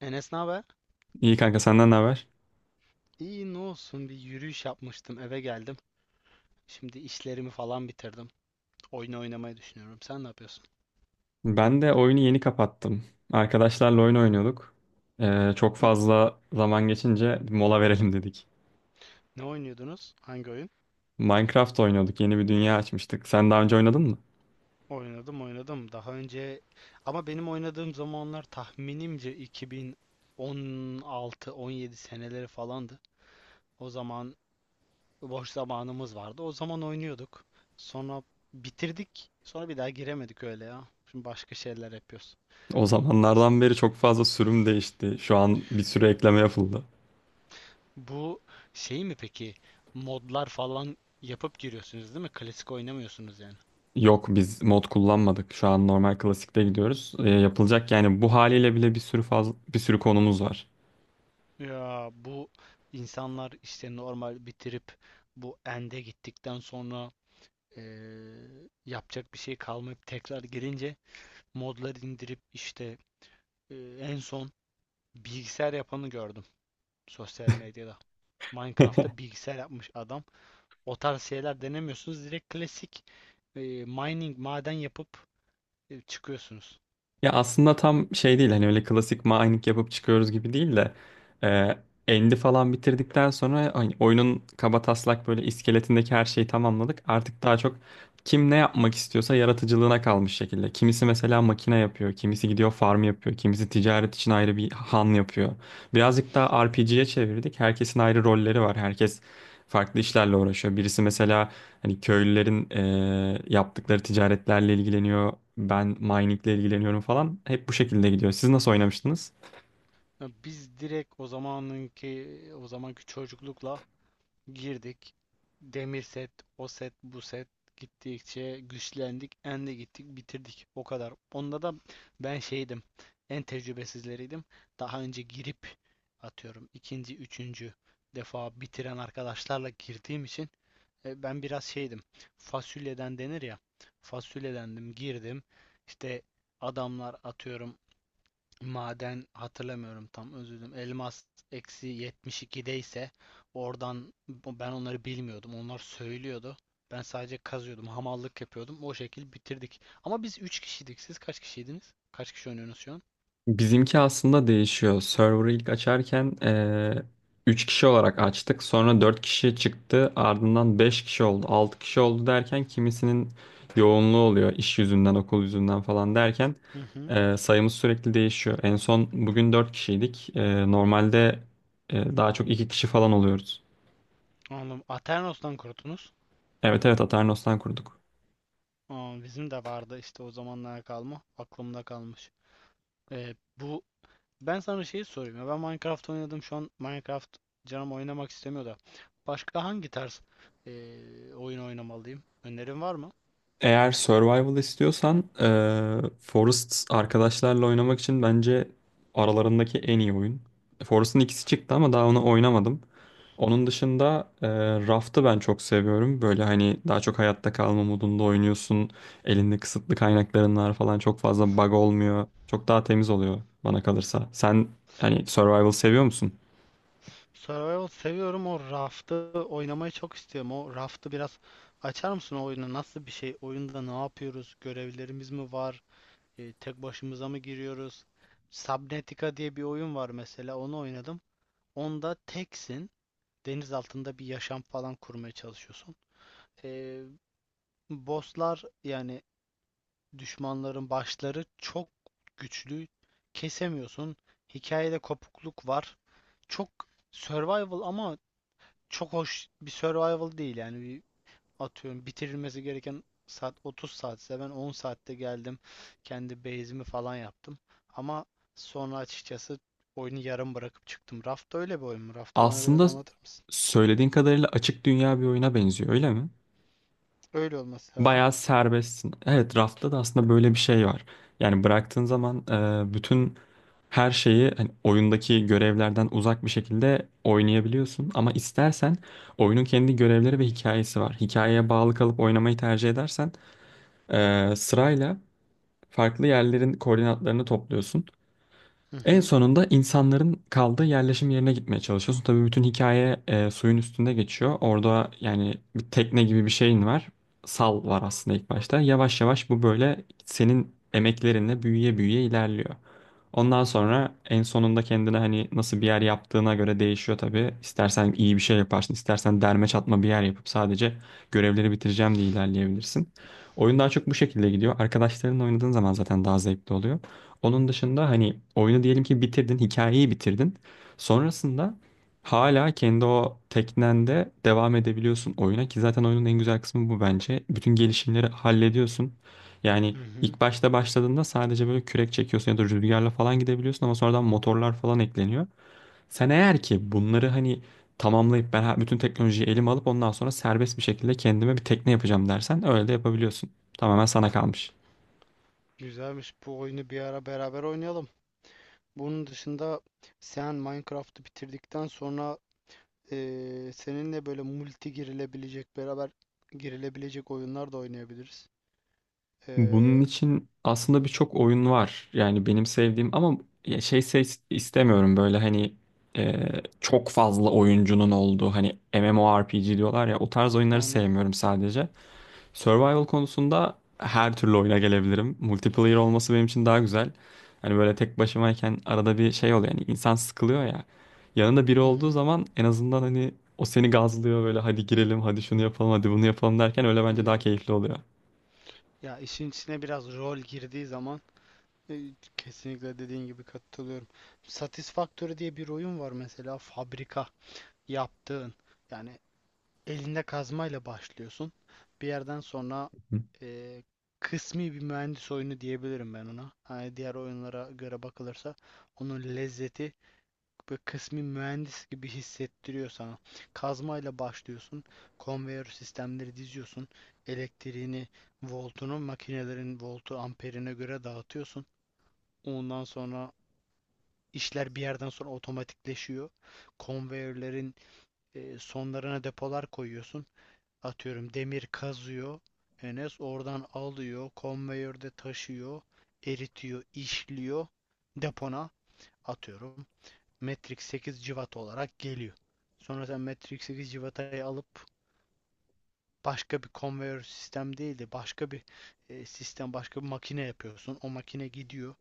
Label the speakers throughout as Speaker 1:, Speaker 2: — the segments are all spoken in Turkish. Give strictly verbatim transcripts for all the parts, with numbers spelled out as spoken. Speaker 1: Enes ne haber?
Speaker 2: İyi kanka, senden ne haber?
Speaker 1: İyi ne olsun, bir yürüyüş yapmıştım, eve geldim. Şimdi işlerimi falan bitirdim. Oyun oynamayı düşünüyorum. Sen ne yapıyorsun?
Speaker 2: Ben de oyunu yeni kapattım. Arkadaşlarla oyun oynuyorduk. Ee, çok
Speaker 1: N-
Speaker 2: fazla zaman geçince mola verelim dedik.
Speaker 1: Ne oynuyordunuz? Hangi oyun?
Speaker 2: Minecraft oynuyorduk. Yeni bir dünya açmıştık. Sen daha önce oynadın mı?
Speaker 1: Oynadım, oynadım. Daha önce, ama benim oynadığım zamanlar tahminimce iki bin on altı-on yedi seneleri falandı. O zaman boş zamanımız vardı. O zaman oynuyorduk. Sonra bitirdik. Sonra bir daha giremedik, öyle ya. Şimdi başka şeyler yapıyoruz.
Speaker 2: O zamanlardan beri çok fazla sürüm değişti. Şu an bir sürü ekleme yapıldı.
Speaker 1: Bu şey mi peki? Modlar falan yapıp giriyorsunuz, değil mi? Klasik oynamıyorsunuz yani.
Speaker 2: Yok, biz mod kullanmadık. Şu an normal klasikte gidiyoruz. Ee, yapılacak yani, bu haliyle bile bir sürü fazla bir sürü konumuz var.
Speaker 1: Ya bu insanlar işte normal bitirip bu end'e gittikten sonra eee, yapacak bir şey kalmayıp tekrar girince modları indirip işte eee, en son bilgisayar yapanı gördüm sosyal medyada. Minecraft'ta bilgisayar yapmış adam. O tarz şeyler denemiyorsunuz. Direkt klasik eee, mining maden yapıp e, çıkıyorsunuz.
Speaker 2: Ya aslında tam şey değil, hani öyle klasik mining yapıp çıkıyoruz gibi değil de e, End'i falan bitirdikten sonra hani oyunun kaba taslak böyle iskeletindeki her şeyi tamamladık. Artık daha çok kim ne yapmak istiyorsa yaratıcılığına kalmış şekilde. Kimisi mesela makine yapıyor, kimisi gidiyor farm yapıyor, kimisi ticaret için ayrı bir han yapıyor. Birazcık daha R P G'ye çevirdik. Herkesin ayrı rolleri var. Herkes farklı işlerle uğraşıyor. Birisi mesela hani köylülerin eee, yaptıkları ticaretlerle ilgileniyor. Ben miningle ilgileniyorum falan. Hep bu şekilde gidiyor. Siz nasıl oynamıştınız?
Speaker 1: Ya biz direkt o zamanınki o zamanki çocuklukla girdik. Demir set, o set, bu set, gittikçe güçlendik, endi gittik, bitirdik. O kadar. Onda da ben şeydim. En tecrübesizleriydim. Daha önce girip atıyorum ikinci, üçüncü defa bitiren arkadaşlarla girdiğim için e, ben biraz şeydim. Fasulyeden denir ya. Fasulyedendim, girdim. İşte adamlar atıyorum maden hatırlamıyorum tam, özür dilerim. Elmas eksi yetmiş ikide ise, oradan ben onları bilmiyordum. Onlar söylüyordu. Ben sadece kazıyordum. Hamallık yapıyordum. O şekil bitirdik. Ama biz üç kişiydik. Siz kaç kişiydiniz? Kaç kişi oynuyorsunuz şu an?
Speaker 2: Bizimki aslında değişiyor. Server'ı ilk açarken eee üç kişi olarak açtık. Sonra dört kişi çıktı. Ardından beş kişi oldu, altı kişi oldu derken kimisinin yoğunluğu oluyor, iş yüzünden, okul yüzünden falan derken
Speaker 1: Hı hı.
Speaker 2: eee, sayımız sürekli değişiyor. En son bugün dört kişiydik. Eee, normalde eee, daha çok iki kişi falan oluyoruz.
Speaker 1: Anladım. Aternos'tan kurtunuz.
Speaker 2: Evet evet, Aternos'tan kurduk.
Speaker 1: Aa, bizim de vardı işte, o zamanlara kalma. Aklımda kalmış. Ee, bu Ben sana şeyi sorayım ya. Ben Minecraft oynadım. Şu an Minecraft canım oynamak istemiyor da. Başka hangi tarz eee oyun oynamalıyım? Önerin var mı?
Speaker 2: Eğer survival istiyorsan eee Forest, arkadaşlarla oynamak için bence aralarındaki en iyi oyun. Forest'ın ikisi çıktı ama daha onu oynamadım. Onun dışında eee, Raft'ı ben çok seviyorum. Böyle hani daha çok hayatta kalma modunda oynuyorsun. Elinde kısıtlı kaynakların var falan, çok fazla bug olmuyor. Çok daha temiz oluyor bana kalırsa. Sen hani survival seviyor musun?
Speaker 1: Survival seviyorum. O Raft'ı oynamayı çok istiyorum. O Raft'ı biraz açar mısın, o oyunu? Nasıl bir şey? Oyunda ne yapıyoruz? Görevlerimiz mi var? Eee, tek başımıza mı giriyoruz? Subnautica diye bir oyun var mesela. Onu oynadım. Onda teksin. Deniz altında bir yaşam falan kurmaya çalışıyorsun. Eee Bosslar yani, düşmanların başları çok güçlü. Kesemiyorsun. Hikayede kopukluk var. Çok survival ama çok hoş bir survival değil yani. Bir atıyorum, bitirilmesi gereken saat otuz saatse ben on saatte geldim. Kendi base'imi falan yaptım. Ama sonra açıkçası oyunu yarım bırakıp çıktım. Raft öyle bir oyun mu? Raft'ı bana biraz
Speaker 2: Aslında
Speaker 1: anlatır mısın?
Speaker 2: söylediğin kadarıyla açık dünya bir oyuna benziyor, öyle mi?
Speaker 1: Öyle olması lazım.
Speaker 2: Bayağı serbestsin. Evet, rafta da aslında böyle bir şey var. Yani bıraktığın zaman e, bütün her şeyi hani oyundaki görevlerden uzak bir şekilde oynayabiliyorsun. Ama istersen oyunun kendi görevleri ve hikayesi var. Hikayeye bağlı kalıp oynamayı tercih edersen e, sırayla farklı yerlerin koordinatlarını topluyorsun.
Speaker 1: Hı
Speaker 2: En
Speaker 1: hı.
Speaker 2: sonunda insanların kaldığı yerleşim yerine gitmeye çalışıyorsun. Tabii bütün hikaye e, suyun üstünde geçiyor. Orada yani bir tekne gibi bir şeyin var. Sal var aslında ilk başta. Yavaş yavaş bu böyle senin emeklerinle büyüye büyüye ilerliyor. Ondan sonra en sonunda kendine hani nasıl bir yer yaptığına göre değişiyor tabii. İstersen iyi bir şey yaparsın, istersen derme çatma bir yer yapıp sadece görevleri bitireceğim diye ilerleyebilirsin. Oyun daha çok bu şekilde gidiyor. Arkadaşlarınla oynadığın zaman zaten daha zevkli oluyor. Onun dışında hani oyunu diyelim ki bitirdin, hikayeyi bitirdin. Sonrasında hala kendi o teknende devam edebiliyorsun oyuna ki zaten oyunun en güzel kısmı bu bence. Bütün gelişimleri hallediyorsun. Yani
Speaker 1: Hı hı.
Speaker 2: ilk başta başladığında sadece böyle kürek çekiyorsun ya da rüzgarla falan gidebiliyorsun ama sonradan motorlar falan ekleniyor. Sen eğer ki bunları hani tamamlayıp ben ha- bütün teknolojiyi elime alıp ondan sonra serbest bir şekilde kendime bir tekne yapacağım dersen öyle de yapabiliyorsun. Tamamen sana kalmış.
Speaker 1: Güzelmiş. Bu oyunu bir ara beraber oynayalım. Bunun dışında, sen Minecraft'ı bitirdikten sonra eee, seninle böyle multi girilebilecek, beraber girilebilecek oyunlar da oynayabiliriz.
Speaker 2: Bunun
Speaker 1: Eee
Speaker 2: için aslında birçok oyun var. Yani benim sevdiğim ama ya şey se- istemiyorum böyle hani e, çok fazla oyuncunun olduğu, hani MMORPG diyorlar ya, o tarz oyunları
Speaker 1: Anladım.
Speaker 2: sevmiyorum sadece. Survival konusunda her türlü oyuna gelebilirim. Multiplayer olması benim için daha güzel. Hani böyle tek başımayken arada bir şey oluyor, yani insan sıkılıyor ya. Yanında biri
Speaker 1: Hı
Speaker 2: olduğu
Speaker 1: hı,
Speaker 2: zaman en azından hani o seni gazlıyor böyle, hadi girelim, hadi şunu yapalım, hadi bunu yapalım derken, öyle bence daha
Speaker 1: anladım.
Speaker 2: keyifli oluyor.
Speaker 1: Ya işin içine biraz rol girdiği zaman e, kesinlikle dediğin gibi katılıyorum. Satisfactory diye bir oyun var mesela, fabrika yaptığın. Yani elinde kazmayla başlıyorsun. Bir yerden sonra
Speaker 2: Hı.
Speaker 1: eee, kısmi bir mühendis oyunu diyebilirim ben ona. Hani diğer oyunlara göre bakılırsa, onun lezzeti böyle kısmi mühendis gibi hissettiriyor sana. Kazmayla başlıyorsun. Konveyör sistemleri diziyorsun. Elektriğini, voltunu, makinelerin voltu, amperine göre dağıtıyorsun. Ondan sonra işler bir yerden sonra otomatikleşiyor. Konveyörlerin eee, sonlarına depolar koyuyorsun. Atıyorum demir kazıyor. Enes oradan alıyor, konveyörde taşıyor, eritiyor, işliyor, depona atıyorum. Matrix sekiz cıvat olarak geliyor. Sonra sen Matrix sekiz cıvatayı alıp başka bir konveyör sistem değil de başka bir e, sistem, başka bir makine yapıyorsun. O makine gidiyor,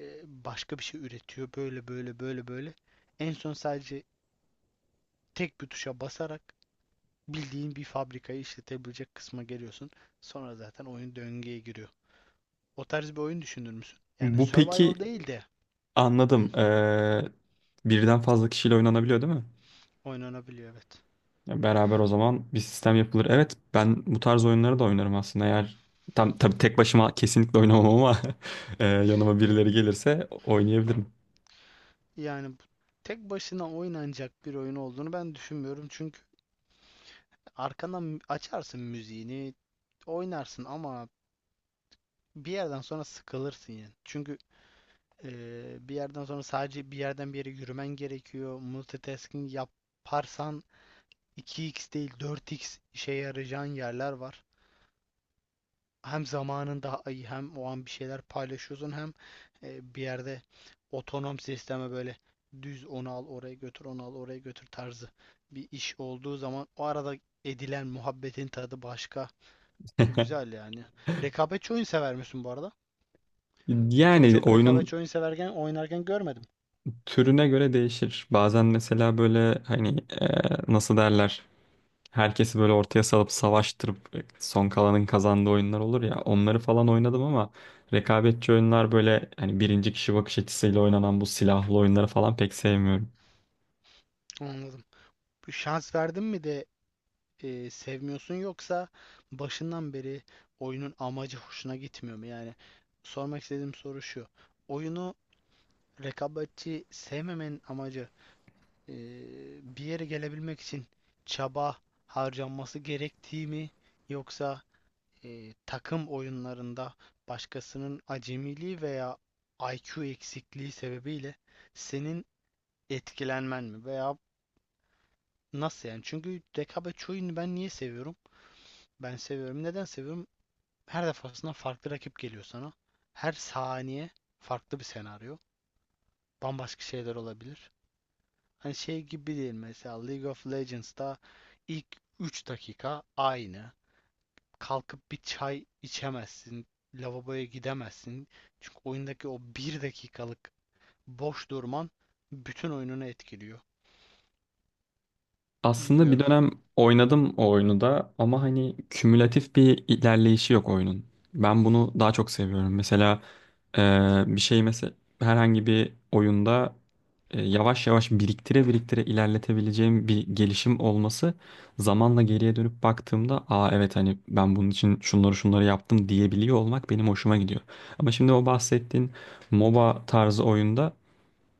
Speaker 1: e, başka bir şey üretiyor. Böyle böyle böyle böyle. En son sadece tek bir tuşa basarak bildiğin bir fabrikayı işletebilecek kısma geliyorsun. Sonra zaten oyun döngüye giriyor. O tarz bir oyun düşünür müsün? Yani
Speaker 2: Bu
Speaker 1: survival
Speaker 2: peki,
Speaker 1: değil de
Speaker 2: anladım. Ee, birden fazla kişiyle oynanabiliyor değil mi?
Speaker 1: oynanabiliyor, evet.
Speaker 2: Ya beraber o zaman bir sistem yapılır. Evet, ben bu tarz oyunları da oynarım aslında. Eğer tam tabii tek başıma kesinlikle oynamam ama e, yanıma
Speaker 1: Ya-
Speaker 2: birileri gelirse oynayabilirim.
Speaker 1: Yani bu tek başına oynanacak bir oyun olduğunu ben düşünmüyorum. Çünkü arkadan açarsın müziğini, oynarsın ama bir yerden sonra sıkılırsın yani. Çünkü eee, bir yerden sonra sadece bir yerden bir yere yürümen gerekiyor. Multitasking yaparsan iki x değil dört x işe yarayacağın yerler var. Hem zamanında ay- hem o an bir şeyler paylaşıyorsun, hem e, bir yerde otonom sisteme böyle düz onu al oraya götür, onu al oraya götür tarzı bir iş olduğu zaman, o arada edilen muhabbetin tadı başka. Güzel yani. Rekabetçi oyun sever misin bu arada? Seni
Speaker 2: Yani
Speaker 1: çok
Speaker 2: oyunun
Speaker 1: rekabetçi oyun severken oynarken görmedim.
Speaker 2: türüne göre değişir. Bazen mesela böyle hani e, nasıl derler, herkesi böyle ortaya salıp savaştırıp e, son kalanın kazandığı oyunlar olur ya, onları falan oynadım ama rekabetçi oyunlar, böyle hani birinci kişi bakış açısıyla oynanan bu silahlı oyunları falan pek sevmiyorum.
Speaker 1: Anladım. Bu şans verdin mi de e, sevmiyorsun, yoksa başından beri oyunun amacı hoşuna gitmiyor mu? Yani sormak istediğim soru şu. Oyunu rekabetçi sevmemenin amacı e, bir yere gelebilmek için çaba harcanması gerektiği mi, yoksa e, takım oyunlarında başkasının acemiliği veya I Q eksikliği sebebiyle senin etkilenmen mi, veya nasıl yani? Çünkü rekabetçi oyunu ben niye seviyorum? Ben seviyorum. Neden seviyorum? Her defasında farklı rakip geliyor sana. Her saniye farklı bir senaryo. Bambaşka şeyler olabilir. Hani şey gibi değil, mesela League of Legends'ta ilk üç dakika aynı. Kalkıp bir çay içemezsin, lavaboya gidemezsin. Çünkü oyundaki o bir dakikalık boş durman bütün oyununu etkiliyor.
Speaker 2: Aslında bir
Speaker 1: Bilmiyorum.
Speaker 2: dönem oynadım o oyunu da ama hani kümülatif bir ilerleyişi yok oyunun. Ben bunu daha çok seviyorum. Mesela e, bir şey mesela herhangi bir oyunda e, yavaş yavaş biriktire biriktire ilerletebileceğim bir gelişim olması, zamanla geriye dönüp baktığımda "Aa evet, hani ben bunun için şunları şunları yaptım" diyebiliyor olmak benim hoşuma gidiyor. Ama şimdi o bahsettiğin M O B A tarzı oyunda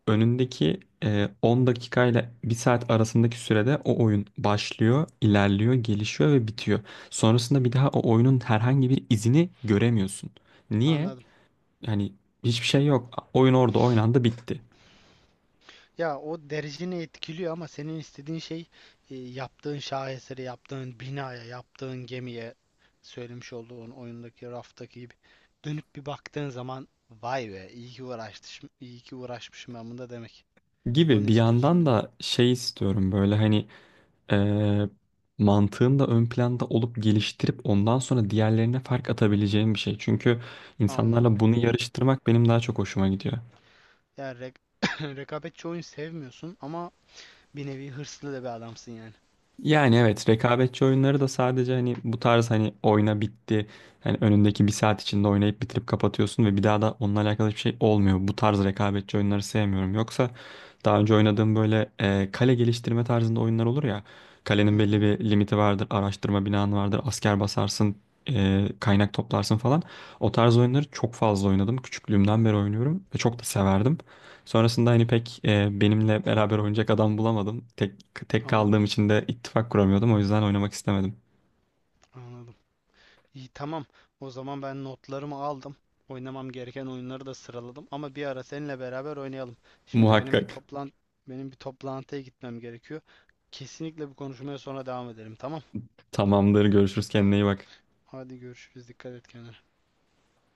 Speaker 2: önündeki e, on dakikayla bir saat arasındaki sürede o oyun başlıyor, ilerliyor, gelişiyor ve bitiyor. Sonrasında bir daha o oyunun herhangi bir izini göremiyorsun. Niye?
Speaker 1: Anladım.
Speaker 2: Yani hiçbir şey yok. Oyun orada oynandı, bitti.
Speaker 1: Ya o dereceni etkiliyor ama senin istediğin şey e, yaptığın şaheseri, yaptığın binaya, yaptığın gemiye, söylemiş olduğun oyundaki raftaki gibi dönüp bir baktığın zaman vay be, iyi ki uğraşmışım, iyi ki uğraşmışım ben bunda demek.
Speaker 2: Gibi
Speaker 1: Onu
Speaker 2: bir
Speaker 1: istiyorsun
Speaker 2: yandan
Speaker 1: beni.
Speaker 2: da şey istiyorum böyle hani e, mantığın da ön planda olup geliştirip ondan sonra diğerlerine fark atabileceğim bir şey. Çünkü
Speaker 1: Anladım.
Speaker 2: insanlarla bunu yarıştırmak benim daha çok hoşuma gidiyor.
Speaker 1: Yani rek rekabetçi oyun sevmiyorsun ama bir nevi hırslı da bir adamsın yani.
Speaker 2: Yani evet, rekabetçi oyunları da sadece hani bu tarz, hani oyna bitti. Hani önündeki bir saat içinde oynayıp bitirip kapatıyorsun ve bir daha da onunla alakalı hiçbir şey olmuyor. Bu tarz rekabetçi oyunları sevmiyorum. Yoksa daha önce oynadığım böyle e, kale geliştirme tarzında oyunlar olur ya.
Speaker 1: Hı
Speaker 2: Kalenin belli
Speaker 1: hı,
Speaker 2: bir limiti vardır, araştırma binanı vardır, asker basarsın, e, kaynak toplarsın falan. O tarz oyunları çok fazla oynadım. Küçüklüğümden beri oynuyorum ve çok da severdim. Sonrasında hani pek e, benimle beraber oynayacak adam bulamadım. Tek tek
Speaker 1: anladım,
Speaker 2: kaldığım için de ittifak kuramıyordum. O yüzden oynamak istemedim.
Speaker 1: anladım. İyi, tamam. O zaman ben notlarımı aldım. Oynamam gereken oyunları da sıraladım ama bir ara seninle beraber oynayalım. Şimdi benim bir
Speaker 2: Muhakkak.
Speaker 1: toplan benim bir toplantıya gitmem gerekiyor. Kesinlikle bu konuşmaya sonra devam edelim. Tamam.
Speaker 2: Tamamdır. Görüşürüz. Kendine iyi bak.
Speaker 1: Hadi görüşürüz. Dikkat et kendine.